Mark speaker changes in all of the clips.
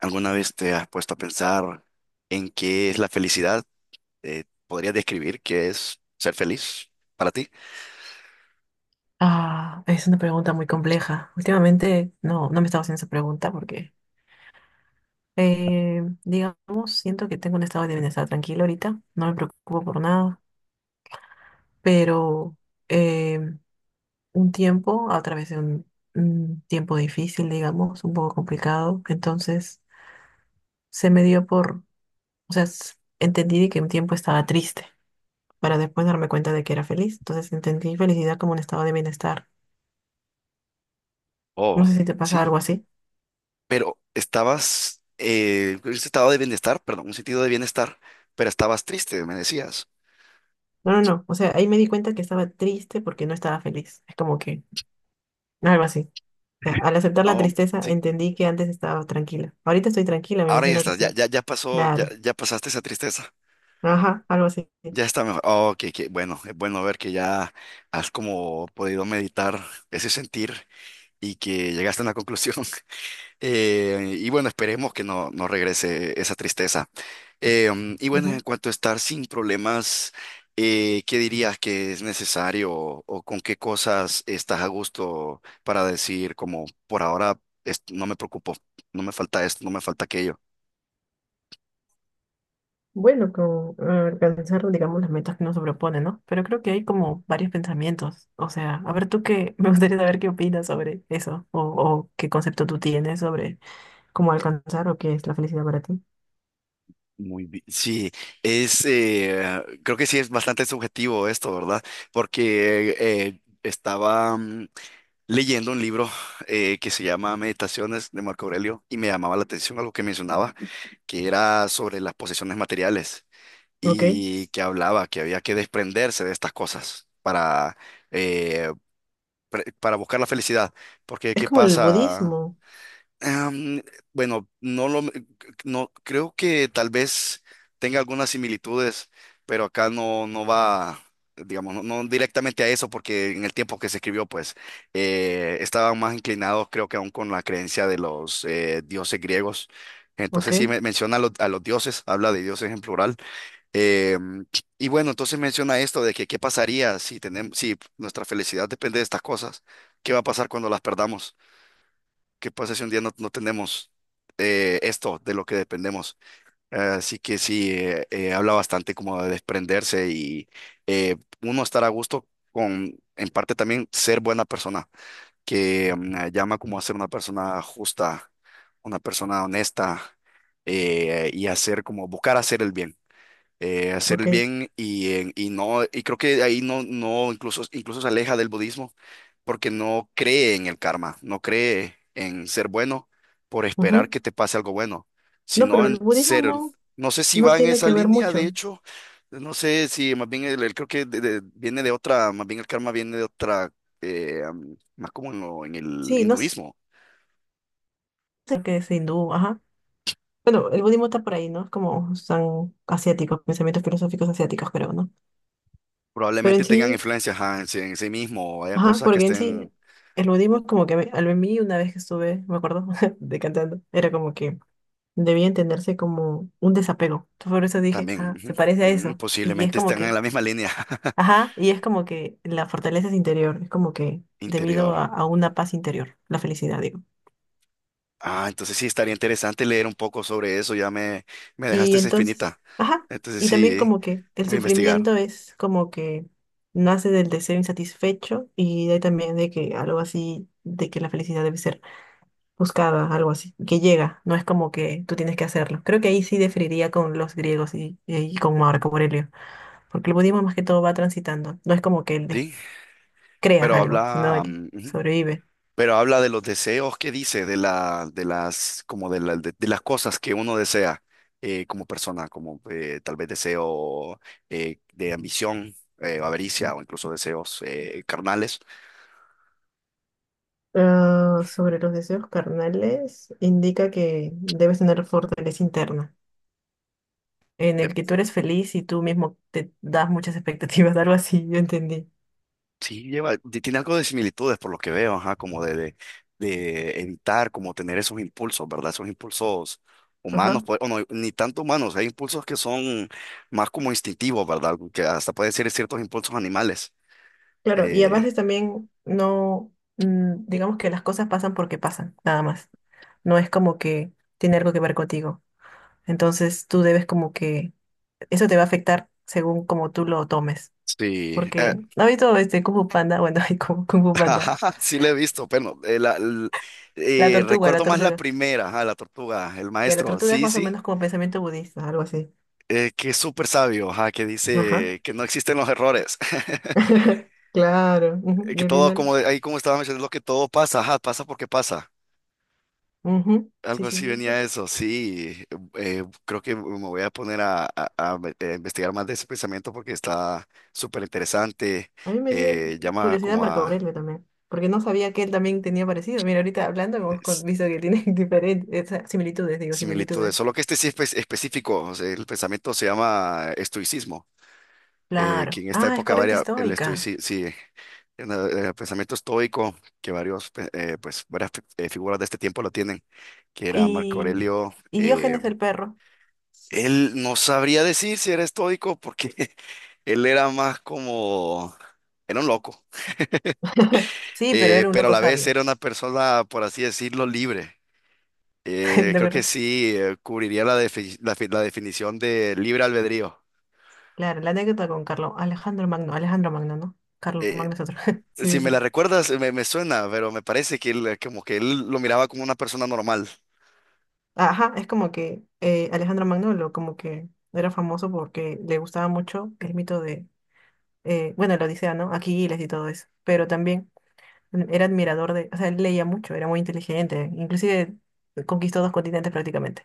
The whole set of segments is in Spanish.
Speaker 1: ¿Alguna vez te has puesto a pensar en qué es la felicidad? ¿Podrías describir qué es ser feliz para ti?
Speaker 2: Ah, es una pregunta muy compleja. Últimamente no me estaba haciendo esa pregunta porque, digamos, siento que tengo un estado de bienestar tranquilo ahorita, no me preocupo por nada, pero eh, un tiempo, a través de un tiempo difícil, digamos, un poco complicado, entonces se me dio por, o sea, entendí que un tiempo estaba triste para después darme cuenta de que era feliz, entonces entendí felicidad como un estado de bienestar. No
Speaker 1: Oh,
Speaker 2: sé si te pasa
Speaker 1: sí,
Speaker 2: algo así.
Speaker 1: pero estabas, en un estado de bienestar, perdón, un sentido de bienestar, pero estabas triste, me decías.
Speaker 2: No, no, no. O sea, ahí me di cuenta que estaba triste porque no estaba feliz. Es como que algo así. O sea, al aceptar la
Speaker 1: Oh,
Speaker 2: tristeza
Speaker 1: sí,
Speaker 2: entendí que antes estaba tranquila. Ahorita estoy tranquila, me
Speaker 1: ahora ya
Speaker 2: imagino que
Speaker 1: estás, ya,
Speaker 2: estoy.
Speaker 1: ya, ya pasó, ya,
Speaker 2: Claro.
Speaker 1: ya pasaste esa tristeza,
Speaker 2: Ajá, algo así.
Speaker 1: ya está mejor. Oh, que bueno, es bueno ver que ya has como podido meditar ese sentir y que llegaste a una conclusión. Y bueno, esperemos que no regrese esa tristeza. Y bueno, en
Speaker 2: Ujú.
Speaker 1: cuanto a estar sin problemas, ¿qué dirías que es necesario o con qué cosas estás a gusto para decir como por ahora no me preocupo, no me falta esto, no me falta aquello?
Speaker 2: Bueno, con alcanzar, digamos, las metas que nos propone, ¿no? Pero creo que hay como varios pensamientos. O sea, a ver tú qué, me gustaría saber qué opinas sobre eso o qué concepto tú tienes sobre cómo alcanzar o qué es la felicidad para ti.
Speaker 1: Muy bien. Sí, creo que sí es bastante subjetivo esto, ¿verdad? Porque estaba, leyendo un libro que se llama Meditaciones de Marco Aurelio, y me llamaba la atención algo que mencionaba, que era sobre las posesiones materiales
Speaker 2: Ok.
Speaker 1: y que hablaba que había que desprenderse de estas cosas para, eh, para buscar la felicidad. Porque
Speaker 2: Es
Speaker 1: ¿qué
Speaker 2: como el
Speaker 1: pasa?
Speaker 2: budismo.
Speaker 1: Am, bueno, no, creo que tal vez tenga algunas similitudes, pero acá no va, digamos, no directamente a eso, porque en el tiempo que se escribió, pues, estaban más inclinados, creo que aún con la creencia de los dioses griegos.
Speaker 2: Ok,
Speaker 1: Entonces sí menciona a a los dioses, habla de dioses en plural. Em, y bueno, entonces menciona esto de que qué pasaría si tenemos, si nuestra felicidad depende de estas cosas, ¿qué va a pasar cuando las perdamos? ¿Qué pasa si un día no tenemos esto de lo que dependemos? Así que sí, habla bastante como de desprenderse y eh, uno estar a gusto con, en parte también, ser buena persona, que llama como a ser una persona justa, una persona honesta, y hacer como buscar hacer el bien, hacer
Speaker 2: ok.
Speaker 1: el bien y creo que ahí no, no, incluso, incluso se aleja del budismo porque no cree en el karma, no cree en ser bueno por esperar
Speaker 2: Ujú.
Speaker 1: que te pase algo bueno,
Speaker 2: No,
Speaker 1: sino
Speaker 2: pero el
Speaker 1: en
Speaker 2: budismo
Speaker 1: ser,
Speaker 2: no,
Speaker 1: no sé si
Speaker 2: no
Speaker 1: va en
Speaker 2: tiene
Speaker 1: esa
Speaker 2: que ver
Speaker 1: línea, de
Speaker 2: mucho.
Speaker 1: hecho, no sé si más bien creo que viene de otra, más bien el karma viene de otra, más como en, en el
Speaker 2: Sí, no sé
Speaker 1: hinduismo.
Speaker 2: qué es hindú, ajá. Bueno, el budismo está por ahí, ¿no? Es como son asiáticos, pensamientos filosóficos asiáticos, creo, ¿no? Pero
Speaker 1: Probablemente
Speaker 2: en
Speaker 1: tengan
Speaker 2: sí,
Speaker 1: influencias, ajá, en sí mismo, o haya
Speaker 2: ajá,
Speaker 1: cosas que
Speaker 2: porque en sí,
Speaker 1: estén.
Speaker 2: el budismo es como que a mí una vez que estuve, me acuerdo, de cantando, era como que debía entenderse como un desapego. Entonces, por eso dije,
Speaker 1: También,
Speaker 2: ah,
Speaker 1: ujú.
Speaker 2: se parece a
Speaker 1: Mm,
Speaker 2: eso. Y es
Speaker 1: posiblemente
Speaker 2: como
Speaker 1: están en
Speaker 2: que,
Speaker 1: la misma línea.
Speaker 2: ajá, y es como que la fortaleza es interior, es como que debido a,
Speaker 1: Interior.
Speaker 2: a una paz interior, la felicidad, digo.
Speaker 1: Ah, entonces sí, estaría interesante leer un poco sobre eso. Me
Speaker 2: Y
Speaker 1: dejaste esa
Speaker 2: entonces,
Speaker 1: espinita.
Speaker 2: ajá,
Speaker 1: Entonces
Speaker 2: y también
Speaker 1: sí,
Speaker 2: como que el
Speaker 1: voy a investigar.
Speaker 2: sufrimiento es como que nace del deseo insatisfecho y de ahí también de que algo así, de que la felicidad debe ser buscada, algo así, que llega, no es como que tú tienes que hacerlo. Creo que ahí sí diferiría con los griegos y con Marco Aurelio, porque el budismo más que todo va transitando, no es como que él
Speaker 1: Sí,
Speaker 2: creas
Speaker 1: pero
Speaker 2: algo, sino
Speaker 1: habla,
Speaker 2: él
Speaker 1: mm, ujú.
Speaker 2: sobrevive.
Speaker 1: Pero habla de los deseos que dice, de la, de las, como de las cosas que uno desea, como persona, como tal vez deseo de ambición, avaricia o incluso deseos carnales.
Speaker 2: Ah, sobre los deseos carnales, indica que debes tener fortaleza interna en el que tú eres feliz y tú mismo te das muchas expectativas, algo así, yo entendí.
Speaker 1: Sí, lleva, tiene algo de similitudes por lo que veo, ajá, de evitar, como tener esos impulsos, ¿verdad? Esos impulsos humanos,
Speaker 2: Ajá,
Speaker 1: pues, o no, ni tanto humanos, hay impulsos que son más como instintivos, ¿verdad? Que hasta pueden ser ciertos impulsos animales.
Speaker 2: claro, y a
Speaker 1: Eh,
Speaker 2: veces también no, digamos que las cosas pasan porque pasan, nada más. No es como que tiene algo que ver contigo. Entonces tú debes como que, eso te va a afectar según como tú lo tomes.
Speaker 1: sí, eh,
Speaker 2: Porque, ¿no has visto este Kung Fu Panda? Bueno, hay Kung Kung Fu Panda.
Speaker 1: ajá, sí le he visto, pero
Speaker 2: La tortuga, la
Speaker 1: recuerdo más la
Speaker 2: tortuga.
Speaker 1: primera, ajá, la tortuga, el
Speaker 2: Ya, la
Speaker 1: maestro,
Speaker 2: tortuga es
Speaker 1: sí,
Speaker 2: más o
Speaker 1: sí,
Speaker 2: menos como pensamiento budista, algo así.
Speaker 1: que es súper sabio, ajá, que
Speaker 2: Ajá.
Speaker 1: dice que no existen los errores.
Speaker 2: Claro. Ujú.
Speaker 1: Que
Speaker 2: Y al
Speaker 1: todo,
Speaker 2: final.
Speaker 1: ahí como estaba mencionando, que todo pasa, ajá, pasa porque pasa.
Speaker 2: Ujú. Sí,
Speaker 1: Algo
Speaker 2: sí,
Speaker 1: así
Speaker 2: sí,
Speaker 1: venía
Speaker 2: sí.
Speaker 1: eso, sí. Creo que me voy a poner a investigar más de ese pensamiento porque está súper interesante.
Speaker 2: A mí me dio
Speaker 1: Llama
Speaker 2: curiosidad
Speaker 1: como
Speaker 2: Marco
Speaker 1: a
Speaker 2: Aurelio también, porque no sabía que él también tenía parecido. Mira, ahorita hablando
Speaker 1: eh,
Speaker 2: hemos
Speaker 1: s-
Speaker 2: visto que tiene diferentes similitudes, digo,
Speaker 1: similitudes,
Speaker 2: similitudes.
Speaker 1: solo que este sí es específico. O sea, el pensamiento se llama estoicismo, que
Speaker 2: Claro.
Speaker 1: en esta
Speaker 2: Ah, es
Speaker 1: época
Speaker 2: corriente
Speaker 1: varia el
Speaker 2: estoica.
Speaker 1: estoicismo, sí, en el pensamiento estoico, que varios, pues, varias figuras de este tiempo lo tienen, que era Marco
Speaker 2: Y,
Speaker 1: Aurelio.
Speaker 2: y Diógenes el perro.
Speaker 1: Él no sabría decir si era estoico porque él era más como, era un loco,
Speaker 2: Sí, pero era un
Speaker 1: pero a
Speaker 2: loco
Speaker 1: la vez
Speaker 2: sabio.
Speaker 1: era una persona, por así decirlo, libre.
Speaker 2: ¿De
Speaker 1: Creo que
Speaker 2: acuerdo?
Speaker 1: sí, cubriría la definición de libre albedrío.
Speaker 2: Claro, la anécdota con Carlos, Alejandro Magno, Alejandro Magno, ¿no? Carlos
Speaker 1: Eh,
Speaker 2: Magno es otro.
Speaker 1: si
Speaker 2: Sí, sí,
Speaker 1: me la
Speaker 2: sí.
Speaker 1: recuerdas, me suena, pero me parece que él, como que él lo miraba como una persona normal.
Speaker 2: Ajá, es como que Alejandro Magno como que era famoso porque le gustaba mucho el mito de bueno, la Odisea, ¿no? Aquiles y todo eso, pero también era admirador de, o sea, él leía mucho, era muy inteligente, inclusive conquistó dos continentes prácticamente,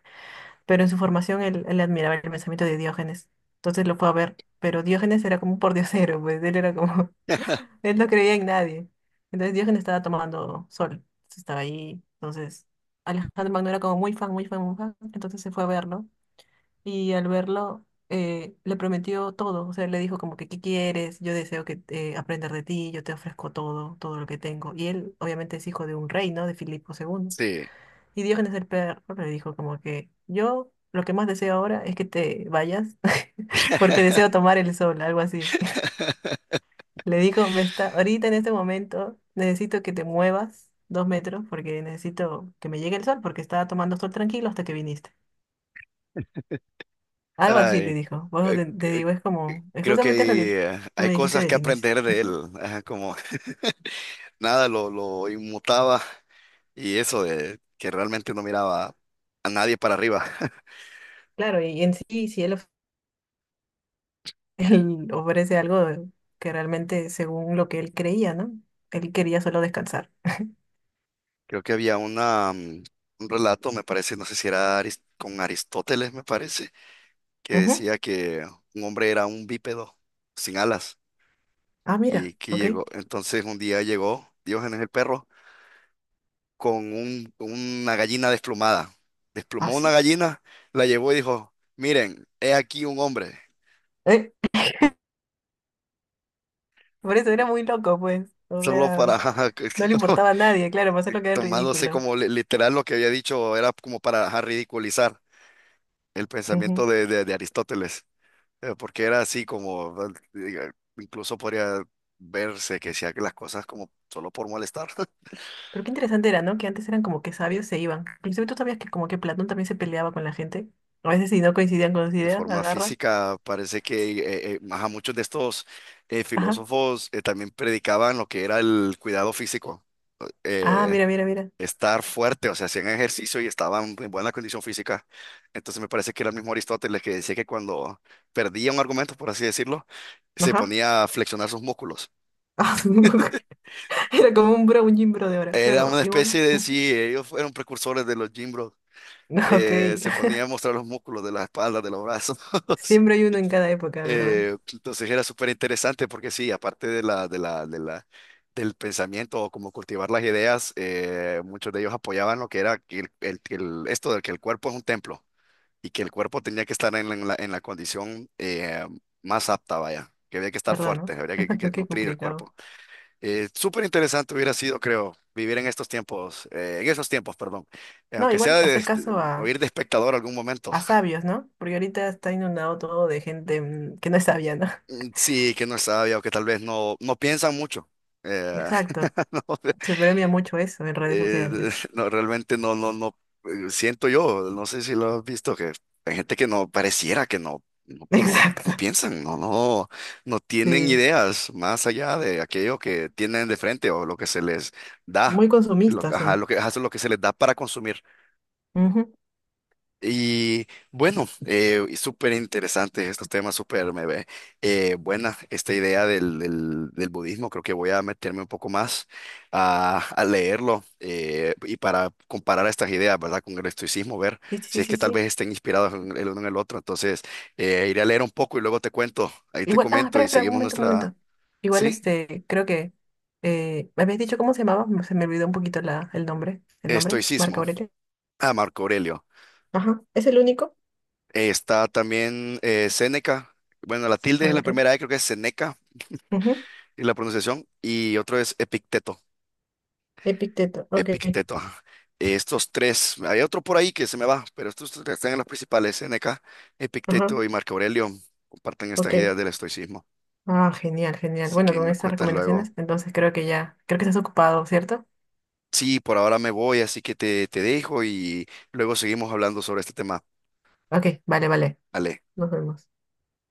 Speaker 2: pero en su formación él admiraba el pensamiento de Diógenes, entonces lo fue a ver, pero Diógenes era como un pordiosero, pues él era como, él no creía en nadie, entonces Diógenes estaba tomando sol, entonces estaba ahí, entonces Alejandro Magno era como muy fan, muy fan, muy fan, entonces se fue a verlo y al verlo, le prometió todo. O sea, le dijo como que, ¿qué quieres? Yo deseo que aprender de ti, yo te ofrezco todo, todo lo que tengo. Y él, obviamente, es hijo de un rey, ¿no? De Filipo segundo.
Speaker 1: Sí.
Speaker 2: Y Diógenes el perro le dijo como que, yo lo que más deseo ahora es que te vayas, porque deseo tomar el sol, algo así. Le dijo, me está, ahorita en este momento necesito que te muevas dos metros porque necesito que me llegue el sol, porque estaba tomando sol tranquilo hasta que viniste. Algo así le
Speaker 1: Ay,
Speaker 2: dijo. Por eso
Speaker 1: eh,
Speaker 2: te
Speaker 1: eh,
Speaker 2: digo, es como, es
Speaker 1: creo
Speaker 2: justamente lo que
Speaker 1: que
Speaker 2: tú
Speaker 1: hay
Speaker 2: me dijiste
Speaker 1: cosas que
Speaker 2: del inicio.
Speaker 1: aprender de
Speaker 2: Ujú.
Speaker 1: él, ajá, como... nada lo inmutaba y eso de que realmente no miraba a nadie para arriba.
Speaker 2: Claro, y en sí, si él, él ofrece algo que realmente según lo que él creía, ¿no? Él quería solo descansar.
Speaker 1: Creo que había una, mm, un relato, me parece, no sé si era con Aristóteles, me parece, que
Speaker 2: Ujú.
Speaker 1: decía que un hombre era un bípedo sin alas,
Speaker 2: Ah, mira,
Speaker 1: y que
Speaker 2: ok.
Speaker 1: llegó, entonces un día llegó Diógenes el Perro con una gallina desplumada. Desplumó una
Speaker 2: Así.
Speaker 1: gallina, la llevó y dijo: miren, he aquí un hombre,
Speaker 2: ¿Eh? Por eso era muy loco, pues. O
Speaker 1: solo
Speaker 2: sea,
Speaker 1: para...
Speaker 2: no le importaba a nadie, claro, para hacerlo quedar en
Speaker 1: tomándose
Speaker 2: ridículo.
Speaker 1: como literal lo que había dicho, era como para, ajá, ridiculizar el pensamiento
Speaker 2: Ujú.
Speaker 1: de Aristóteles, porque era así como, eh, incluso podría verse que hacía las cosas como solo por molestar.
Speaker 2: Pero qué interesante era, ¿no? Que antes eran como que sabios se iban. Inclusive tú sabías que como que Platón también se peleaba con la gente. A veces si no coincidían con sus
Speaker 1: De
Speaker 2: ideas,
Speaker 1: forma
Speaker 2: agarra.
Speaker 1: física, parece que ajá, muchos de estos filósofos también predicaban lo que era el cuidado físico.
Speaker 2: Ah,
Speaker 1: eh,
Speaker 2: mira, mira, mira.
Speaker 1: Estar fuerte, o sea, hacían ejercicio y estaban en buena condición física. Entonces me parece que era el mismo Aristóteles que decía que cuando perdía un argumento, por así decirlo, se
Speaker 2: Ajá.
Speaker 1: ponía a flexionar sus músculos.
Speaker 2: Ah, era como un bro, un gym bro de ahora.
Speaker 1: Era
Speaker 2: Claro,
Speaker 1: una
Speaker 2: igual.
Speaker 1: especie de,
Speaker 2: Ujú.
Speaker 1: sí, ellos fueron precursores de los gym bros.
Speaker 2: Ok.
Speaker 1: Se ponía a mostrar los músculos de la espalda, de los brazos.
Speaker 2: Siempre hay uno en cada época, ¿verdad?
Speaker 1: Entonces era súper interesante porque sí, aparte del pensamiento o como cultivar las ideas, muchos de ellos apoyaban lo que era que esto de que el cuerpo es un templo, y que el cuerpo tenía que estar en en la condición más apta, vaya, que había que estar
Speaker 2: ¿Verdad,
Speaker 1: fuerte,
Speaker 2: no?
Speaker 1: que
Speaker 2: Qué
Speaker 1: nutrir el
Speaker 2: complicado.
Speaker 1: cuerpo. Súper interesante hubiera sido, creo, vivir en estos tiempos, en esos tiempos, perdón.
Speaker 2: No,
Speaker 1: Aunque sea
Speaker 2: igual
Speaker 1: de,
Speaker 2: hacer
Speaker 1: este,
Speaker 2: caso
Speaker 1: oír de espectador algún momento.
Speaker 2: a sabios, ¿no? Porque ahorita está inundado todo de gente que no es sabia, ¿no?
Speaker 1: Mm, sí, que no es sabia o que tal vez no piensan mucho. Eh,
Speaker 2: Exacto.
Speaker 1: no,
Speaker 2: Se premia mucho eso en redes
Speaker 1: Eh,
Speaker 2: sociales.
Speaker 1: no, realmente siento yo, no sé si lo has visto, que hay gente que no pareciera que no
Speaker 2: Exacto.
Speaker 1: piensan, no tienen
Speaker 2: Sí.
Speaker 1: ideas más allá de aquello que tienen de frente o lo que se les da,
Speaker 2: Muy consumistas
Speaker 1: ajá,
Speaker 2: son.
Speaker 1: ajá, eso es lo que se les da para consumir.
Speaker 2: Ujú.
Speaker 1: Y bueno, y súper interesante estos temas, súper me ve buena esta idea del budismo. Creo que voy a meterme un poco más a leerlo, y para comparar estas ideas, ¿verdad? Con el estoicismo, ver
Speaker 2: Sí,
Speaker 1: si
Speaker 2: sí,
Speaker 1: es
Speaker 2: sí, sí,
Speaker 1: que tal vez
Speaker 2: sí.
Speaker 1: estén inspirados el uno en el otro. Entonces, iré a leer un poco y luego te cuento, ahí te
Speaker 2: Igual, ah,
Speaker 1: comento
Speaker 2: espera,
Speaker 1: y
Speaker 2: espera, un
Speaker 1: seguimos
Speaker 2: momento, un
Speaker 1: nuestra,
Speaker 2: momento. Igual,
Speaker 1: ¿sí?
Speaker 2: este, creo que me habías dicho cómo se llamaba, se me olvidó un poquito la, el nombre, Marco
Speaker 1: Estoicismo.
Speaker 2: Aurelio.
Speaker 1: Ah, Marco Aurelio.
Speaker 2: Ajá, ¿es el único?
Speaker 1: Está también Séneca. Bueno, la tilde es
Speaker 2: Ah,
Speaker 1: la
Speaker 2: ok.
Speaker 1: primera E, creo que es Seneca,
Speaker 2: Ujú.
Speaker 1: y la pronunciación, y otro es Epicteto,
Speaker 2: Epicteto, ok.
Speaker 1: Epicteto, ajá. Estos tres, hay otro por ahí que se me va, pero estos tres están en las principales, N K
Speaker 2: Ajá,
Speaker 1: Epicteto y Marco Aurelio, comparten estas
Speaker 2: ok.
Speaker 1: ideas del estoicismo.
Speaker 2: Ah, genial, genial.
Speaker 1: Así
Speaker 2: Bueno,
Speaker 1: que
Speaker 2: con
Speaker 1: me
Speaker 2: estas
Speaker 1: cuentas
Speaker 2: recomendaciones,
Speaker 1: luego.
Speaker 2: entonces creo que ya, creo que estás ocupado, ¿cierto?
Speaker 1: Sí, por ahora me voy, así que te dejo y luego seguimos hablando sobre este tema.
Speaker 2: Ok, vale, vale.
Speaker 1: Ale.
Speaker 2: Nos vemos.